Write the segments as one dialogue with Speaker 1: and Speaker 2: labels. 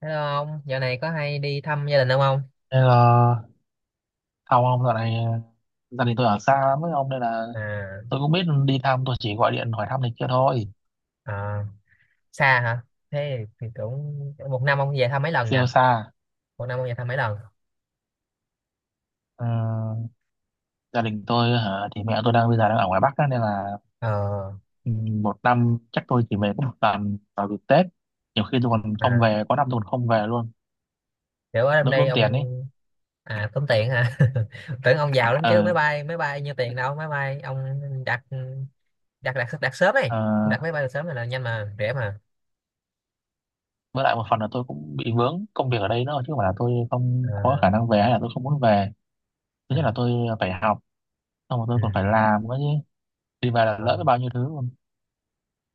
Speaker 1: Hello ông, dạo này có hay đi thăm gia đình ông không?
Speaker 2: Nên là không ông, dạo này gia đình tôi ở xa lắm với ông nên là
Speaker 1: À,
Speaker 2: tôi cũng biết đi thăm, tôi chỉ gọi điện hỏi thăm này kia thôi.
Speaker 1: à, xa hả? Thế thì cũng một năm ông về thăm mấy lần
Speaker 2: Siêu
Speaker 1: nha?
Speaker 2: xa.
Speaker 1: Một năm ông về thăm mấy lần?
Speaker 2: Ờ, gia đình tôi hả, thì mẹ tôi bây giờ đang ở ngoài Bắc á, nên là
Speaker 1: Ờ,
Speaker 2: ừ, một năm chắc tôi chỉ về có một lần vào dịp Tết. Nhiều khi tôi còn không
Speaker 1: à,
Speaker 2: về, có năm tôi còn không về luôn.
Speaker 1: kiểu ở trong
Speaker 2: Đỡ
Speaker 1: đây
Speaker 2: tốn tiền ấy.
Speaker 1: ông. À, tốn tiền hả? Tưởng ông giàu lắm chứ,
Speaker 2: ờ
Speaker 1: máy bay nhiêu tiền đâu, máy bay ông đặt, đặt sớm ấy,
Speaker 2: ờ,
Speaker 1: đặt máy bay sớm là nhanh mà, rẻ mà.
Speaker 2: với lại một phần là tôi cũng bị vướng công việc ở đây nữa, chứ không phải là tôi không có
Speaker 1: À,
Speaker 2: khả năng về hay là tôi không muốn về. Thứ
Speaker 1: à,
Speaker 2: nhất là tôi phải học, xong rồi tôi
Speaker 1: ừ,
Speaker 2: còn phải làm nữa chứ. Đi về là lỡ biết
Speaker 1: không.
Speaker 2: bao nhiêu thứ.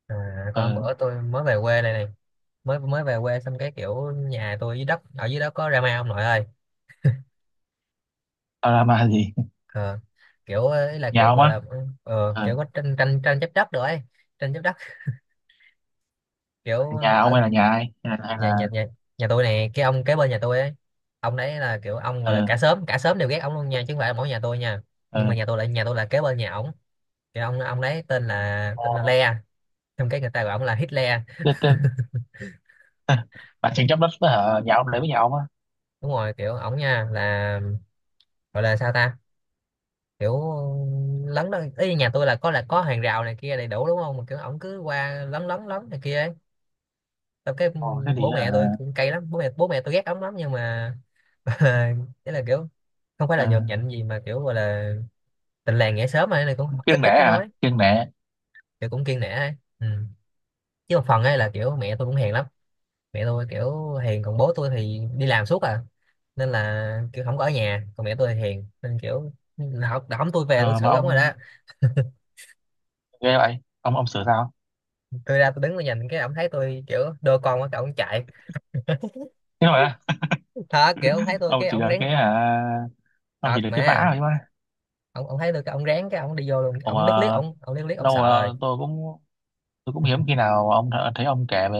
Speaker 1: À, con
Speaker 2: Ờ,
Speaker 1: bữa tôi mới về quê này này, mới mới về quê xong cái kiểu nhà tôi dưới đất ở dưới đó có drama ông nội ơi.
Speaker 2: tao mà gì.
Speaker 1: Ờ, kiểu ờ, là
Speaker 2: Nhà
Speaker 1: kiểu
Speaker 2: ông
Speaker 1: gọi
Speaker 2: á.
Speaker 1: là kiểu
Speaker 2: ờ
Speaker 1: có tranh tranh tranh chấp đất được ấy, tranh chấp đất kiểu
Speaker 2: Nhà ông
Speaker 1: ở
Speaker 2: hay là nhà ai, hay là hay
Speaker 1: nhà,
Speaker 2: là
Speaker 1: nhà tôi này, cái ông kế bên nhà tôi ấy, ông đấy là kiểu ông gọi là
Speaker 2: ờ
Speaker 1: cả xóm đều ghét ông luôn nha, chứ không phải là mỗi nhà tôi nha. Nhưng
Speaker 2: ờ
Speaker 1: mà nhà tôi là kế bên nhà ổng. Cái ông đấy tên là
Speaker 2: Ồ
Speaker 1: Le trong cái người ta gọi ông là Hitler.
Speaker 2: thế, bà tranh chấp đất với hả, nhà ông để
Speaker 1: Ờ,
Speaker 2: với nhà ông á.
Speaker 1: đúng rồi kiểu ổng nha là gọi là sao ta, kiểu lấn đó ý, nhà tôi là có hàng rào này kia đầy đủ đúng không, mà kiểu ổng cứ qua lấn lấn lấn này kia ấy. Tao cái
Speaker 2: Ồ thế thì
Speaker 1: bố
Speaker 2: hả.
Speaker 1: mẹ tôi cũng cay lắm, bố mẹ tôi ghét ống lắm nhưng mà thế là kiểu không phải
Speaker 2: ờ
Speaker 1: là nhột nhạnh gì mà kiểu gọi là tình làng nghĩa xóm mà này, cũng ít
Speaker 2: Kiêng nể
Speaker 1: ít cứ
Speaker 2: hả,
Speaker 1: nói,
Speaker 2: kiêng nể.
Speaker 1: kiểu cũng kiêng nể ấy. Ừ. Chứ một phần ấy là kiểu mẹ tôi cũng hiền lắm, mẹ tôi kiểu hiền còn bố tôi thì đi làm suốt à, nên là kiểu không có ở nhà, còn mẹ tôi thì hiền nên kiểu học ổng, tôi về tôi
Speaker 2: Ờ mà
Speaker 1: xử ổng rồi đó.
Speaker 2: ông ghê vậy ông sửa sao?
Speaker 1: Tôi ra tôi đứng tôi nhìn, cái ổng thấy tôi kiểu đôi con quá, cái ổng chạy
Speaker 2: Thế rồi á?
Speaker 1: thật, kiểu ổng thấy tôi
Speaker 2: Ông
Speaker 1: cái
Speaker 2: chỉ
Speaker 1: ổng
Speaker 2: được
Speaker 1: rén
Speaker 2: cái hả? Ông chỉ
Speaker 1: thật
Speaker 2: được cái vả
Speaker 1: mà.
Speaker 2: thôi mà.
Speaker 1: Ông thấy được cái ông ráng, cái ông đi vô luôn,
Speaker 2: Ồ mà
Speaker 1: ông liếc liếc, ông liếc liếc, ông
Speaker 2: lâu
Speaker 1: sợ rồi.
Speaker 2: rồi tôi cũng, hiếm khi nào ông thấy ông kể về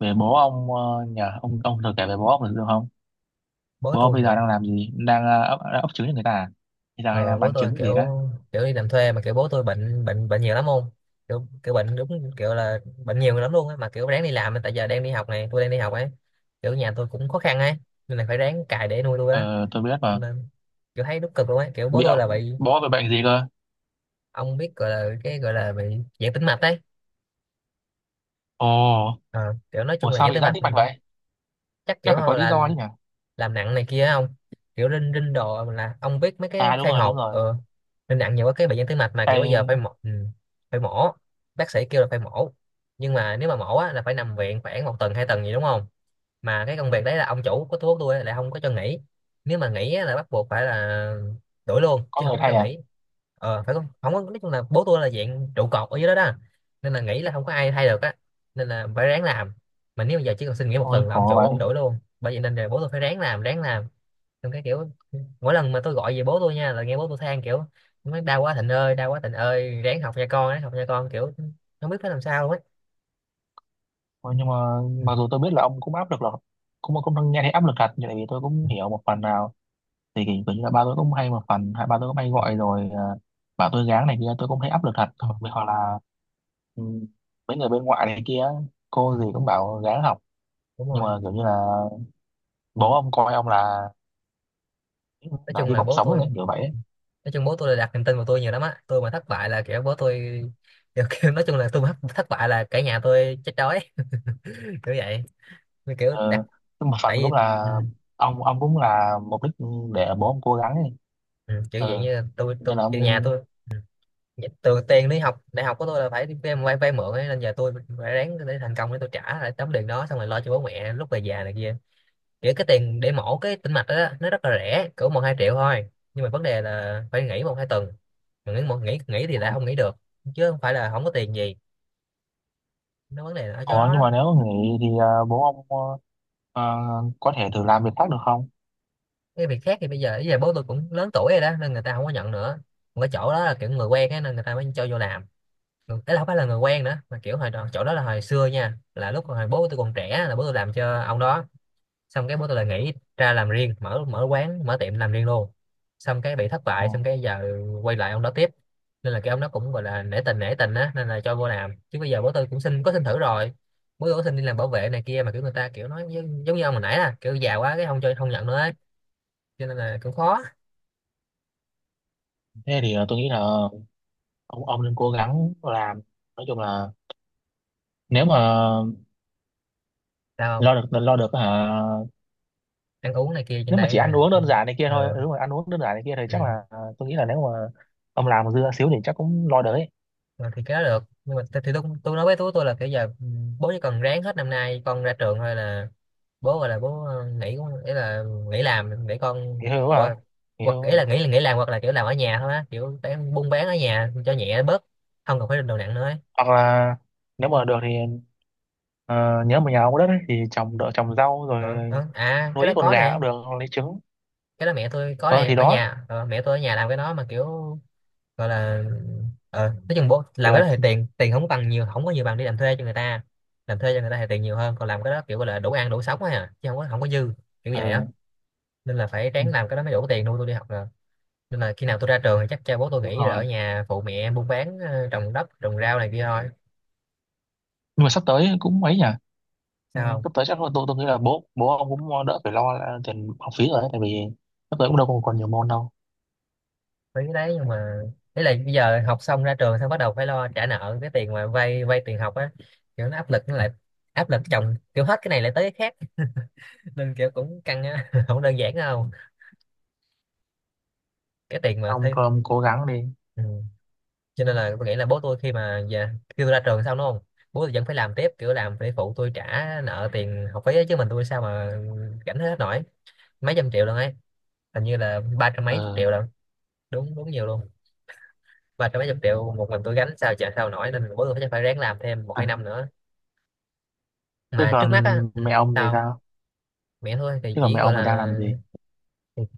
Speaker 2: về bố ông, nhờ ông thường kể về bố ông được không?
Speaker 1: Bố
Speaker 2: Bố ông
Speaker 1: tôi
Speaker 2: bây giờ
Speaker 1: hả?
Speaker 2: đang làm gì? Đang ấp trứng cho người ta à? Bây giờ hay là
Speaker 1: Ờ, Bố
Speaker 2: bán
Speaker 1: tôi
Speaker 2: trứng
Speaker 1: kiểu
Speaker 2: gì đấy?
Speaker 1: kiểu đi làm thuê, mà kiểu bố tôi bệnh bệnh bệnh nhiều lắm, không kiểu kiểu bệnh đúng kiểu là bệnh nhiều lắm luôn á, mà kiểu ráng đi làm tại giờ đang đi học này, tôi đang đi học ấy, kiểu nhà tôi cũng khó khăn ấy, nên là phải ráng cày để nuôi tôi á,
Speaker 2: Ờ, tôi biết mà.
Speaker 1: nên kiểu thấy đúng cực luôn ấy, kiểu bố
Speaker 2: Bị
Speaker 1: tôi là bị,
Speaker 2: bố bị bệnh gì cơ?
Speaker 1: ông biết gọi là cái gọi là bị giãn tĩnh mạch ấy.
Speaker 2: Ồ,
Speaker 1: Ờ, kiểu nói chung
Speaker 2: ủa
Speaker 1: là
Speaker 2: sao
Speaker 1: giãn
Speaker 2: bị
Speaker 1: tĩnh
Speaker 2: giãn
Speaker 1: mạch.
Speaker 2: tĩnh
Speaker 1: Ừ,
Speaker 2: mạch vậy?
Speaker 1: chắc
Speaker 2: Chắc
Speaker 1: kiểu
Speaker 2: phải có lý
Speaker 1: là
Speaker 2: do chứ nhỉ?
Speaker 1: làm nặng này kia không, kiểu rinh rinh đồ, là ông biết mấy cái
Speaker 2: À đúng
Speaker 1: khai
Speaker 2: rồi, đúng
Speaker 1: hộp
Speaker 2: rồi.
Speaker 1: rinh nặng nhiều quá, cái bệnh nhân tim mạch mà, kiểu bây giờ phải
Speaker 2: Thay,
Speaker 1: mổ. Ừ, phải mổ, bác sĩ kêu là phải mổ, nhưng mà nếu mà mổ á, là phải nằm viện khoảng một tuần hai tuần gì đúng không, mà cái công việc đấy là ông chủ của thuốc tôi á, lại không có cho nghỉ, nếu mà nghỉ á là bắt buộc phải là đuổi luôn,
Speaker 2: có
Speaker 1: chứ
Speaker 2: người
Speaker 1: không có cho
Speaker 2: thay à?
Speaker 1: nghỉ. Ờ, phải không, không có, nói chung là bố tôi là dạng trụ cột ở dưới đó đó, nên là nghỉ là không có ai thay được á, nên là phải ráng làm, mà nếu bây giờ chỉ cần xin nghỉ một
Speaker 2: Ôi
Speaker 1: tuần là ông
Speaker 2: khổ
Speaker 1: chủ ông
Speaker 2: vậy.
Speaker 1: đuổi luôn, bởi vậy nên là bố tôi phải ráng làm ráng làm. Xong cái kiểu mỗi lần mà tôi gọi về bố tôi nha, là nghe bố tôi than kiểu nói đau quá Thịnh ơi, đau quá Thịnh ơi, ráng học nha con, ráng học nha con, kiểu không biết phải làm sao luôn á.
Speaker 2: Ôi, nhưng mà
Speaker 1: Ừ,
Speaker 2: mặc dù tôi biết là ông cũng áp lực, là cũng cũng nghe thấy áp lực thật nhưng tại vì tôi cũng
Speaker 1: ừ,
Speaker 2: hiểu một phần nào, thì kiểu kiểu như là ba tôi cũng hay, một phần hai ba tôi cũng hay
Speaker 1: ừ,
Speaker 2: gọi rồi, bảo tôi gắng này kia, tôi cũng thấy áp lực thật,
Speaker 1: ừ,
Speaker 2: hoặc hoặc là ừ, mấy người bên ngoại này kia, cô gì cũng bảo gắng học.
Speaker 1: đúng
Speaker 2: Nhưng
Speaker 1: rồi.
Speaker 2: mà kiểu như là bố ông coi ông là
Speaker 1: nói
Speaker 2: là
Speaker 1: chung
Speaker 2: hy
Speaker 1: là
Speaker 2: vọng
Speaker 1: bố
Speaker 2: sống đấy,
Speaker 1: tôi
Speaker 2: kiểu vậy ấy.
Speaker 1: nói chung bố tôi là đặt niềm tin vào tôi nhiều lắm á, tôi mà thất bại là kiểu bố tôi kiểu, nói chung là tôi mà thất thất bại là cả nhà tôi chết đói. Kiểu vậy. Như kiểu đặt,
Speaker 2: ờ, nhưng mà phần
Speaker 1: tại
Speaker 2: cũng
Speaker 1: vì,
Speaker 2: là,
Speaker 1: ừ,
Speaker 2: ông cũng là mục đích để bố ông cố gắng ấy.
Speaker 1: ừ, kiểu vậy
Speaker 2: ừ
Speaker 1: như là tôi
Speaker 2: Nên
Speaker 1: tôi
Speaker 2: là
Speaker 1: kiểu nhà
Speaker 2: ông,
Speaker 1: tôi, từ tiền đi học đại học của tôi là phải đi vay vay, vay mượn ấy, nên giờ tôi phải ráng để thành công để tôi trả lại tấm tiền đó, xong rồi lo cho bố mẹ lúc về già này kia. Kiểu cái tiền để mổ cái tĩnh mạch đó, đó nó rất là rẻ, cỡ một hai triệu thôi, nhưng mà vấn đề là phải nghỉ một hai tuần, mà nghỉ một nghỉ nghỉ thì lại không nghỉ được, chứ không phải là không có tiền gì, nó vấn đề là ở chỗ
Speaker 2: ờ,
Speaker 1: đó
Speaker 2: nhưng
Speaker 1: đó.
Speaker 2: mà nếu nghỉ thì, bố ông, ờ, có thể thử làm việc khác được không?
Speaker 1: Cái việc khác thì bây giờ bố tôi cũng lớn tuổi rồi đó, nên người ta không có nhận nữa, còn cái chỗ đó là kiểu người quen ấy, nên người ta mới cho vô làm. Ấy là không phải là người quen nữa, mà kiểu hồi đó, chỗ đó là hồi xưa nha, là lúc hồi bố tôi còn trẻ là bố tôi làm cho ông đó, xong cái bố tôi lại nghỉ ra làm riêng, mở mở quán mở tiệm làm riêng luôn, xong cái bị thất
Speaker 2: Ờ,
Speaker 1: bại, xong cái giờ quay lại ông đó tiếp, nên là cái ông đó cũng gọi là nể tình á, nên là cho vô làm, chứ bây giờ bố tôi cũng xin có xin thử rồi. Bố tôi có xin đi làm bảo vệ này kia, mà kiểu người ta kiểu nói giống như ông hồi nãy là kiểu già quá cái không cho, không nhận nữa ấy, cho nên là cũng khó.
Speaker 2: thế thì tôi nghĩ là ông nên cố gắng làm, nói chung là nếu mà
Speaker 1: Sao không
Speaker 2: lo được, lo được hả?
Speaker 1: ăn uống này kia trên
Speaker 2: Nếu mà
Speaker 1: đây
Speaker 2: chỉ ăn
Speaker 1: à?
Speaker 2: uống đơn giản này kia thôi,
Speaker 1: Ờ,
Speaker 2: nếu mà ăn uống đơn giản này kia thì chắc
Speaker 1: ừ.
Speaker 2: là, tôi nghĩ là nếu mà ông làm dưa xíu thì chắc cũng lo đấy.
Speaker 1: Ờ, thì cái đó được, nhưng mà thì tôi nói với tú tôi là kiểu giờ, ừ, bố chỉ cần ráng hết năm nay con ra trường thôi là bố gọi là bố, ờ, nghỉ cũng, ý là nghỉ làm để con,
Speaker 2: Nghỉ hưu hả?
Speaker 1: hoặc,
Speaker 2: Nghỉ
Speaker 1: hoặc
Speaker 2: hưu
Speaker 1: ý
Speaker 2: hả?
Speaker 1: là nghỉ làm, hoặc là kiểu làm ở nhà thôi á, kiểu bán buôn bán ở nhà cho nhẹ bớt, không cần phải đồ nặng nữa ấy.
Speaker 2: Hoặc là nếu mà được thì, ờ, nhớ mà nhà ông có đất ấy, thì trồng, đỡ trồng rau rồi
Speaker 1: Ờ, ờ. À, cái
Speaker 2: nuôi
Speaker 1: đó
Speaker 2: ít con
Speaker 1: có
Speaker 2: gà
Speaker 1: nè,
Speaker 2: cũng được, hoặc lấy trứng.
Speaker 1: cái đó mẹ tôi có
Speaker 2: Ờ
Speaker 1: nè,
Speaker 2: thì
Speaker 1: ở
Speaker 2: đó.
Speaker 1: nhà mẹ tôi ở nhà làm cái đó, mà kiểu gọi là nói chung bố
Speaker 2: Thì
Speaker 1: làm cái
Speaker 2: là
Speaker 1: đó thì tiền tiền không bằng nhiều, không có nhiều bằng đi làm thuê cho người ta, làm thuê cho người ta thì tiền nhiều hơn, còn làm cái đó kiểu gọi là đủ ăn đủ sống á, à, chứ không có dư, kiểu
Speaker 2: ờ,
Speaker 1: vậy á, nên là phải
Speaker 2: ừ,
Speaker 1: ráng làm cái đó mới đủ tiền nuôi tôi đi học rồi, nên là khi nào tôi ra trường thì chắc bố tôi
Speaker 2: đúng
Speaker 1: nghỉ rồi,
Speaker 2: rồi,
Speaker 1: ở nhà phụ mẹ em buôn bán, trồng đất trồng rau này kia thôi.
Speaker 2: nhưng mà sắp tới cũng ấy nhỉ. Ừ,
Speaker 1: Sao không
Speaker 2: sắp tới chắc là, tôi nghĩ là bố bố ông cũng đỡ phải lo là tiền học phí rồi đấy, tại vì sắp tới cũng đâu còn còn nhiều môn đâu.
Speaker 1: mấy cái đấy, nhưng mà đấy là bây giờ học xong ra trường xong bắt đầu phải lo trả nợ cái tiền mà vay vay tiền học á, kiểu nó áp lực, nó lại áp lực chồng, kiểu hết cái này lại tới cái khác. Nên kiểu cũng căng á. Không đơn giản đâu cái tiền mà
Speaker 2: ông
Speaker 1: thấy.
Speaker 2: cứ- ông cố gắng đi.
Speaker 1: Ừ. Cho nên là tôi nghĩ là bố tôi khi mà già, khi tôi ra trường xong đúng không, bố tôi vẫn phải làm tiếp, kiểu làm để phụ tôi trả nợ tiền học phí ấy, chứ mình tôi sao mà gánh hết nổi. Mấy trăm triệu luôn ấy, hình như là ba trăm mấy chục triệu
Speaker 2: ờ
Speaker 1: luôn, đúng đúng nhiều luôn. Ba trăm mấy chục triệu một mình tôi gánh sao trả sao nổi, nên bố tôi chắc phải ráng làm thêm một hai
Speaker 2: à.
Speaker 1: năm nữa,
Speaker 2: Thế
Speaker 1: mà trước mắt
Speaker 2: còn
Speaker 1: á. Ừ.
Speaker 2: mẹ ông thì
Speaker 1: tao
Speaker 2: sao?
Speaker 1: Mẹ thôi thì
Speaker 2: Chứ còn
Speaker 1: chỉ
Speaker 2: mẹ
Speaker 1: gọi
Speaker 2: ông thì đang
Speaker 1: là,
Speaker 2: làm gì?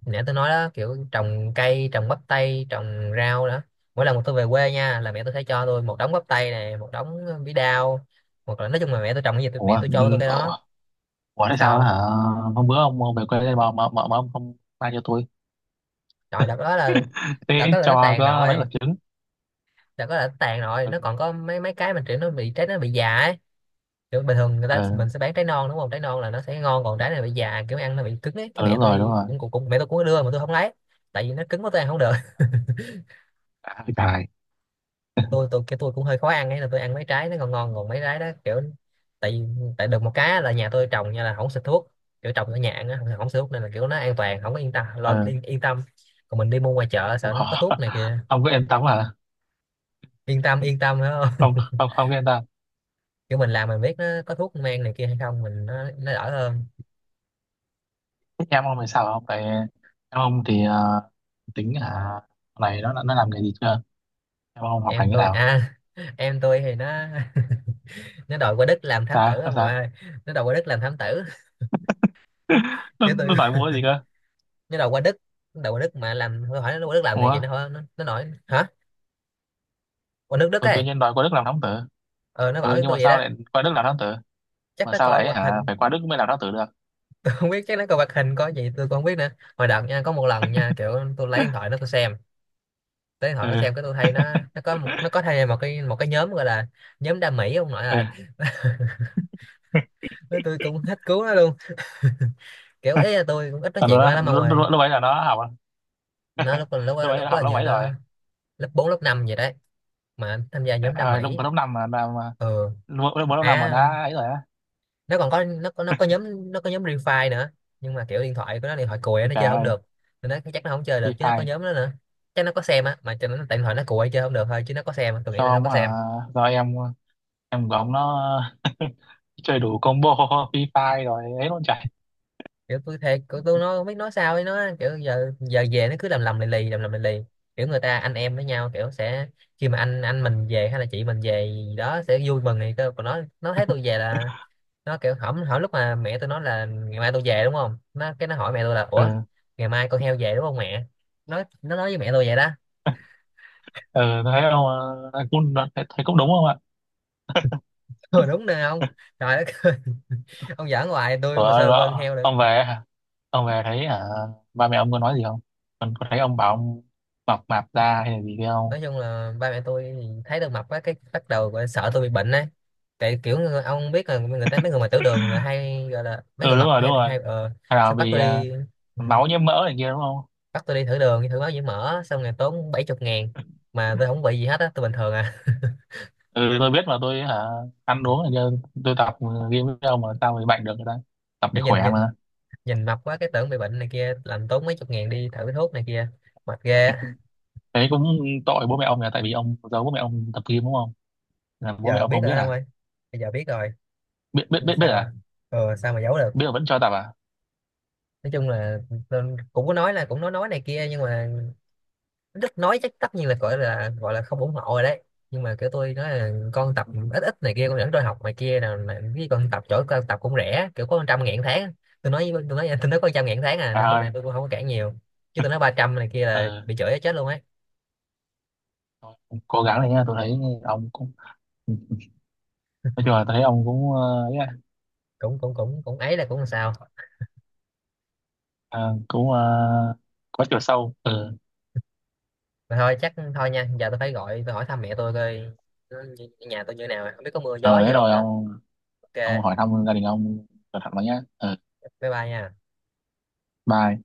Speaker 1: nãy tôi nói đó, kiểu trồng cây, trồng bắp tay, trồng rau đó. Mỗi lần mà tôi về quê nha là mẹ tôi sẽ cho tôi một đống bắp tay này, một đống bí đao, hoặc là nói chung là mẹ tôi trồng cái gì
Speaker 2: Ủa,
Speaker 1: mẹ tôi cho tôi cái đó.
Speaker 2: ủa, ủa, thế sao đó
Speaker 1: Sao?
Speaker 2: hả? Hôm bữa ông về quê đây mà ông không mang cho tôi.
Speaker 1: Trời, đợt đó là
Speaker 2: Tí
Speaker 1: đợt đó là nó
Speaker 2: cho
Speaker 1: tàn
Speaker 2: có mấy quả
Speaker 1: rồi.
Speaker 2: trứng.
Speaker 1: Đợt đó là nó tàn rồi,
Speaker 2: Ừ,
Speaker 1: nó còn có mấy mấy cái mình, kiểu nó bị trái, nó bị già ấy. Kiểu bình thường người ta
Speaker 2: ừ,
Speaker 1: mình sẽ bán trái non đúng không, trái non là nó sẽ ngon, còn trái này bị già, kiểu ăn nó bị cứng ấy. Cái
Speaker 2: ừ
Speaker 1: mẹ
Speaker 2: đúng rồi, đúng
Speaker 1: tôi
Speaker 2: rồi.
Speaker 1: cũng cũng, cũng mẹ tôi cũng có đưa mà tôi không lấy, tại vì nó cứng quá tôi ăn không được.
Speaker 2: À, trời,
Speaker 1: Tôi cũng hơi khó ăn ấy, là tôi ăn mấy trái nó ngon ngon, còn mấy trái đó kiểu. Tại Tại được một cái là nhà tôi trồng nha là không xịt thuốc, kiểu trồng ở nhà ăn á, không xịt thuốc, nên là kiểu nó an toàn, không có yên tâm lo,
Speaker 2: ừ,
Speaker 1: yên tâm. Còn mình đi mua ngoài chợ
Speaker 2: không,
Speaker 1: sợ nó có
Speaker 2: khó.
Speaker 1: thuốc này kia.
Speaker 2: Không có yên tâm hả?
Speaker 1: Yên tâm yên tâm phải không?
Speaker 2: Không, không, không có yên tâm.
Speaker 1: Kiểu mình làm mình biết nó có thuốc men này kia hay không, mình nó đỡ hơn.
Speaker 2: Thế em ông thì sao không? Tại em ông thì, tính hả? Này nó làm nghề gì chưa? Em ông học hành
Speaker 1: Em
Speaker 2: thế
Speaker 1: tôi
Speaker 2: nào?
Speaker 1: à, em tôi thì nó nó đòi qua Đức làm thám tử
Speaker 2: Sao? Nó
Speaker 1: ông nội
Speaker 2: sao?
Speaker 1: ơi. Nó đòi qua Đức làm thám tử.
Speaker 2: Nó,
Speaker 1: Cái tôi
Speaker 2: nó đòi mua cái gì cơ?
Speaker 1: nó đòi qua Đức. Nó đòi qua Đức mà làm tôi hỏi nó qua Đức làm nghề
Speaker 2: Ủa,
Speaker 1: gì, nó nói hả, qua nước Đức
Speaker 2: ừ, tự
Speaker 1: ấy.
Speaker 2: nhiên đòi qua Đức làm thám tử.
Speaker 1: Ờ, nó bảo
Speaker 2: Ừ,
Speaker 1: với
Speaker 2: nhưng mà
Speaker 1: tôi vậy
Speaker 2: sao
Speaker 1: đó.
Speaker 2: lại qua Đức làm thám tử?
Speaker 1: Chắc
Speaker 2: Mà
Speaker 1: nó
Speaker 2: sao
Speaker 1: coi
Speaker 2: lại
Speaker 1: hoạt
Speaker 2: hả,
Speaker 1: hình.
Speaker 2: phải qua Đức mới làm lãng tử được.
Speaker 1: Tôi không biết, chắc nó coi hoạt hình coi gì tôi cũng không biết nữa. Hồi đợt nha, có một lần nha, kiểu tôi lấy điện thoại nó tôi xem, lấy điện thoại nó
Speaker 2: Ừ.
Speaker 1: xem, cái tôi thấy nó nó có một nó có thay một cái nhóm gọi là, nhóm đam mỹ ông nội
Speaker 2: Ừ.
Speaker 1: ơi. Nói tôi cũng hết cứu nó luôn. Kiểu ấy là tôi cũng ít nói
Speaker 2: Còn
Speaker 1: chuyện với nó
Speaker 2: nó,
Speaker 1: lắm ông
Speaker 2: lúc,
Speaker 1: ơi.
Speaker 2: lúc, lúc ấy là nó học,
Speaker 1: Nó lúc lúc
Speaker 2: lúc
Speaker 1: lúc,
Speaker 2: ấy nó
Speaker 1: lúc
Speaker 2: học
Speaker 1: là
Speaker 2: lớp
Speaker 1: như
Speaker 2: mấy rồi?
Speaker 1: nó lớp 4 lớp 5 vậy đấy, mà tham gia
Speaker 2: Trời
Speaker 1: nhóm đam
Speaker 2: ơi lúc
Speaker 1: mỹ.
Speaker 2: lớp năm mà.
Speaker 1: Ừ.
Speaker 2: Lúc lúc lớp năm mà
Speaker 1: À,
Speaker 2: đã ấy rồi á.
Speaker 1: nó còn có nó có nó có nhóm Free Fire nữa, nhưng mà kiểu điện thoại của nó, điện thoại cùi á, nó
Speaker 2: Trời
Speaker 1: chơi không
Speaker 2: ơi
Speaker 1: được. Nên nó chắc nó không chơi được,
Speaker 2: phi
Speaker 1: chứ nó có
Speaker 2: phai.
Speaker 1: nhóm đó nữa. Chắc nó có xem á, mà cho nó, tại điện thoại nó cùi chơi không được thôi, chứ nó có xem á. Tôi nghĩ
Speaker 2: Cho
Speaker 1: là nó
Speaker 2: ông
Speaker 1: có
Speaker 2: hả?
Speaker 1: xem.
Speaker 2: Do em của ông nó chơi đủ combo, phi phai rồi ấy luôn trời.
Speaker 1: Kiểu tôi thề, kiểu tôi nó không biết nói sao ấy, nó kiểu giờ giờ về nó cứ lầm lầm lì lì, lầm lầm lì lì. Kiểu người ta anh em với nhau kiểu sẽ, khi mà anh mình về hay là chị mình về gì đó sẽ vui mừng thì cơ, còn nó thấy tôi về là nó kiểu hổng hỏi. Lúc mà mẹ tôi nói là ngày mai tôi về đúng không, nó cái nó hỏi mẹ tôi là, ủa
Speaker 2: Ừ.
Speaker 1: ngày mai con heo về đúng không mẹ. Nó nói với mẹ tôi vậy đó.
Speaker 2: Ừ. Thấy không? Cũng thấy, thấy cũng đúng không ạ?
Speaker 1: Ừ, đúng nè ông. Trời đất ơi. Ông giỡn hoài, tôi
Speaker 2: Ủa,
Speaker 1: mà sao được coi con heo được.
Speaker 2: ông về hả? Ông về thấy hả? Ba mẹ ông có nói gì không? Còn có thấy ông bảo ông mập mạp ra hay là gì không?
Speaker 1: Nói chung là ba mẹ tôi thấy tôi mập á, cái bắt đầu gọi là sợ tôi bị bệnh á. Tại kiểu ông biết là người ta, mấy người mà tiểu đường là hay gọi là mấy
Speaker 2: Ừ
Speaker 1: người
Speaker 2: đúng
Speaker 1: mập,
Speaker 2: rồi, đúng
Speaker 1: hay
Speaker 2: rồi.
Speaker 1: hay ờ
Speaker 2: Hay là
Speaker 1: xong bắt
Speaker 2: vì,
Speaker 1: tôi đi. Ừ,
Speaker 2: máu nhiễm mỡ này kia đúng không?
Speaker 1: bắt tôi đi thử đường, thử máu nhiễm mỡ, xong rồi tốn 70 nghìn mà tôi không bị gì hết á, tôi bình thường à.
Speaker 2: Ừ tôi biết mà, tôi hả? Ăn uống này kia. Tôi tập game với ông mà sao bị bệnh được người ta. Tập để
Speaker 1: Kiểu nhìn,
Speaker 2: khỏe mà.
Speaker 1: nhìn mập quá cái tưởng bị bệnh này kia, làm tốn mấy chục ngàn đi thử thuốc này kia, mệt ghê á.
Speaker 2: Thế cũng tội bố mẹ ông, là tại vì ông giấu bố mẹ ông tập game đúng không? Là bố mẹ
Speaker 1: Giờ
Speaker 2: ông
Speaker 1: biết
Speaker 2: không biết
Speaker 1: rồi không
Speaker 2: à?
Speaker 1: ơi. Bây giờ biết rồi.
Speaker 2: Biết, biết,
Speaker 1: Nhưng
Speaker 2: biết, biết
Speaker 1: sao á?
Speaker 2: à?
Speaker 1: Ờ sao mà giấu được.
Speaker 2: Biết mà vẫn cho tập à?
Speaker 1: Nói chung là tôi cũng có nói, là cũng nói này kia, nhưng mà đất nói chắc tất nhiên là gọi là, gọi là không ủng hộ rồi đấy. Nhưng mà kiểu tôi nói là con tập ít ít này kia, con dẫn tôi học này kia, nào là cái con tập chỗ con tập cũng rẻ kiểu có trăm ngàn tháng. Tôi nói với- tôi nói tôi nói có trăm ngàn tháng à,
Speaker 2: À
Speaker 1: nên bố mẹ
Speaker 2: ơi.
Speaker 1: tôi cũng không có cản nhiều. Chứ tôi nói ba trăm này kia là
Speaker 2: ờ
Speaker 1: bị chửi chết luôn ấy.
Speaker 2: Thôi, cố gắng này nha, tôi thấy ông cũng, ừ. Nói chung là tôi thấy ông cũng, ấy à,
Speaker 1: Cũng cũng cũng cũng ấy là cũng làm sao.
Speaker 2: ờ, cũng, có chiều sâu. Ừ.
Speaker 1: Mà thôi, chắc thôi nha, giờ tôi phải gọi tôi hỏi thăm mẹ tôi coi nó, nhà tôi như thế nào, không biết có mưa gió
Speaker 2: ờ
Speaker 1: gì
Speaker 2: Thế
Speaker 1: không
Speaker 2: rồi
Speaker 1: nữa.
Speaker 2: ông
Speaker 1: Ok,
Speaker 2: hỏi thăm gia đình ông, cẩn thận vào nhá. Ờ
Speaker 1: bye bye nha.
Speaker 2: Bye.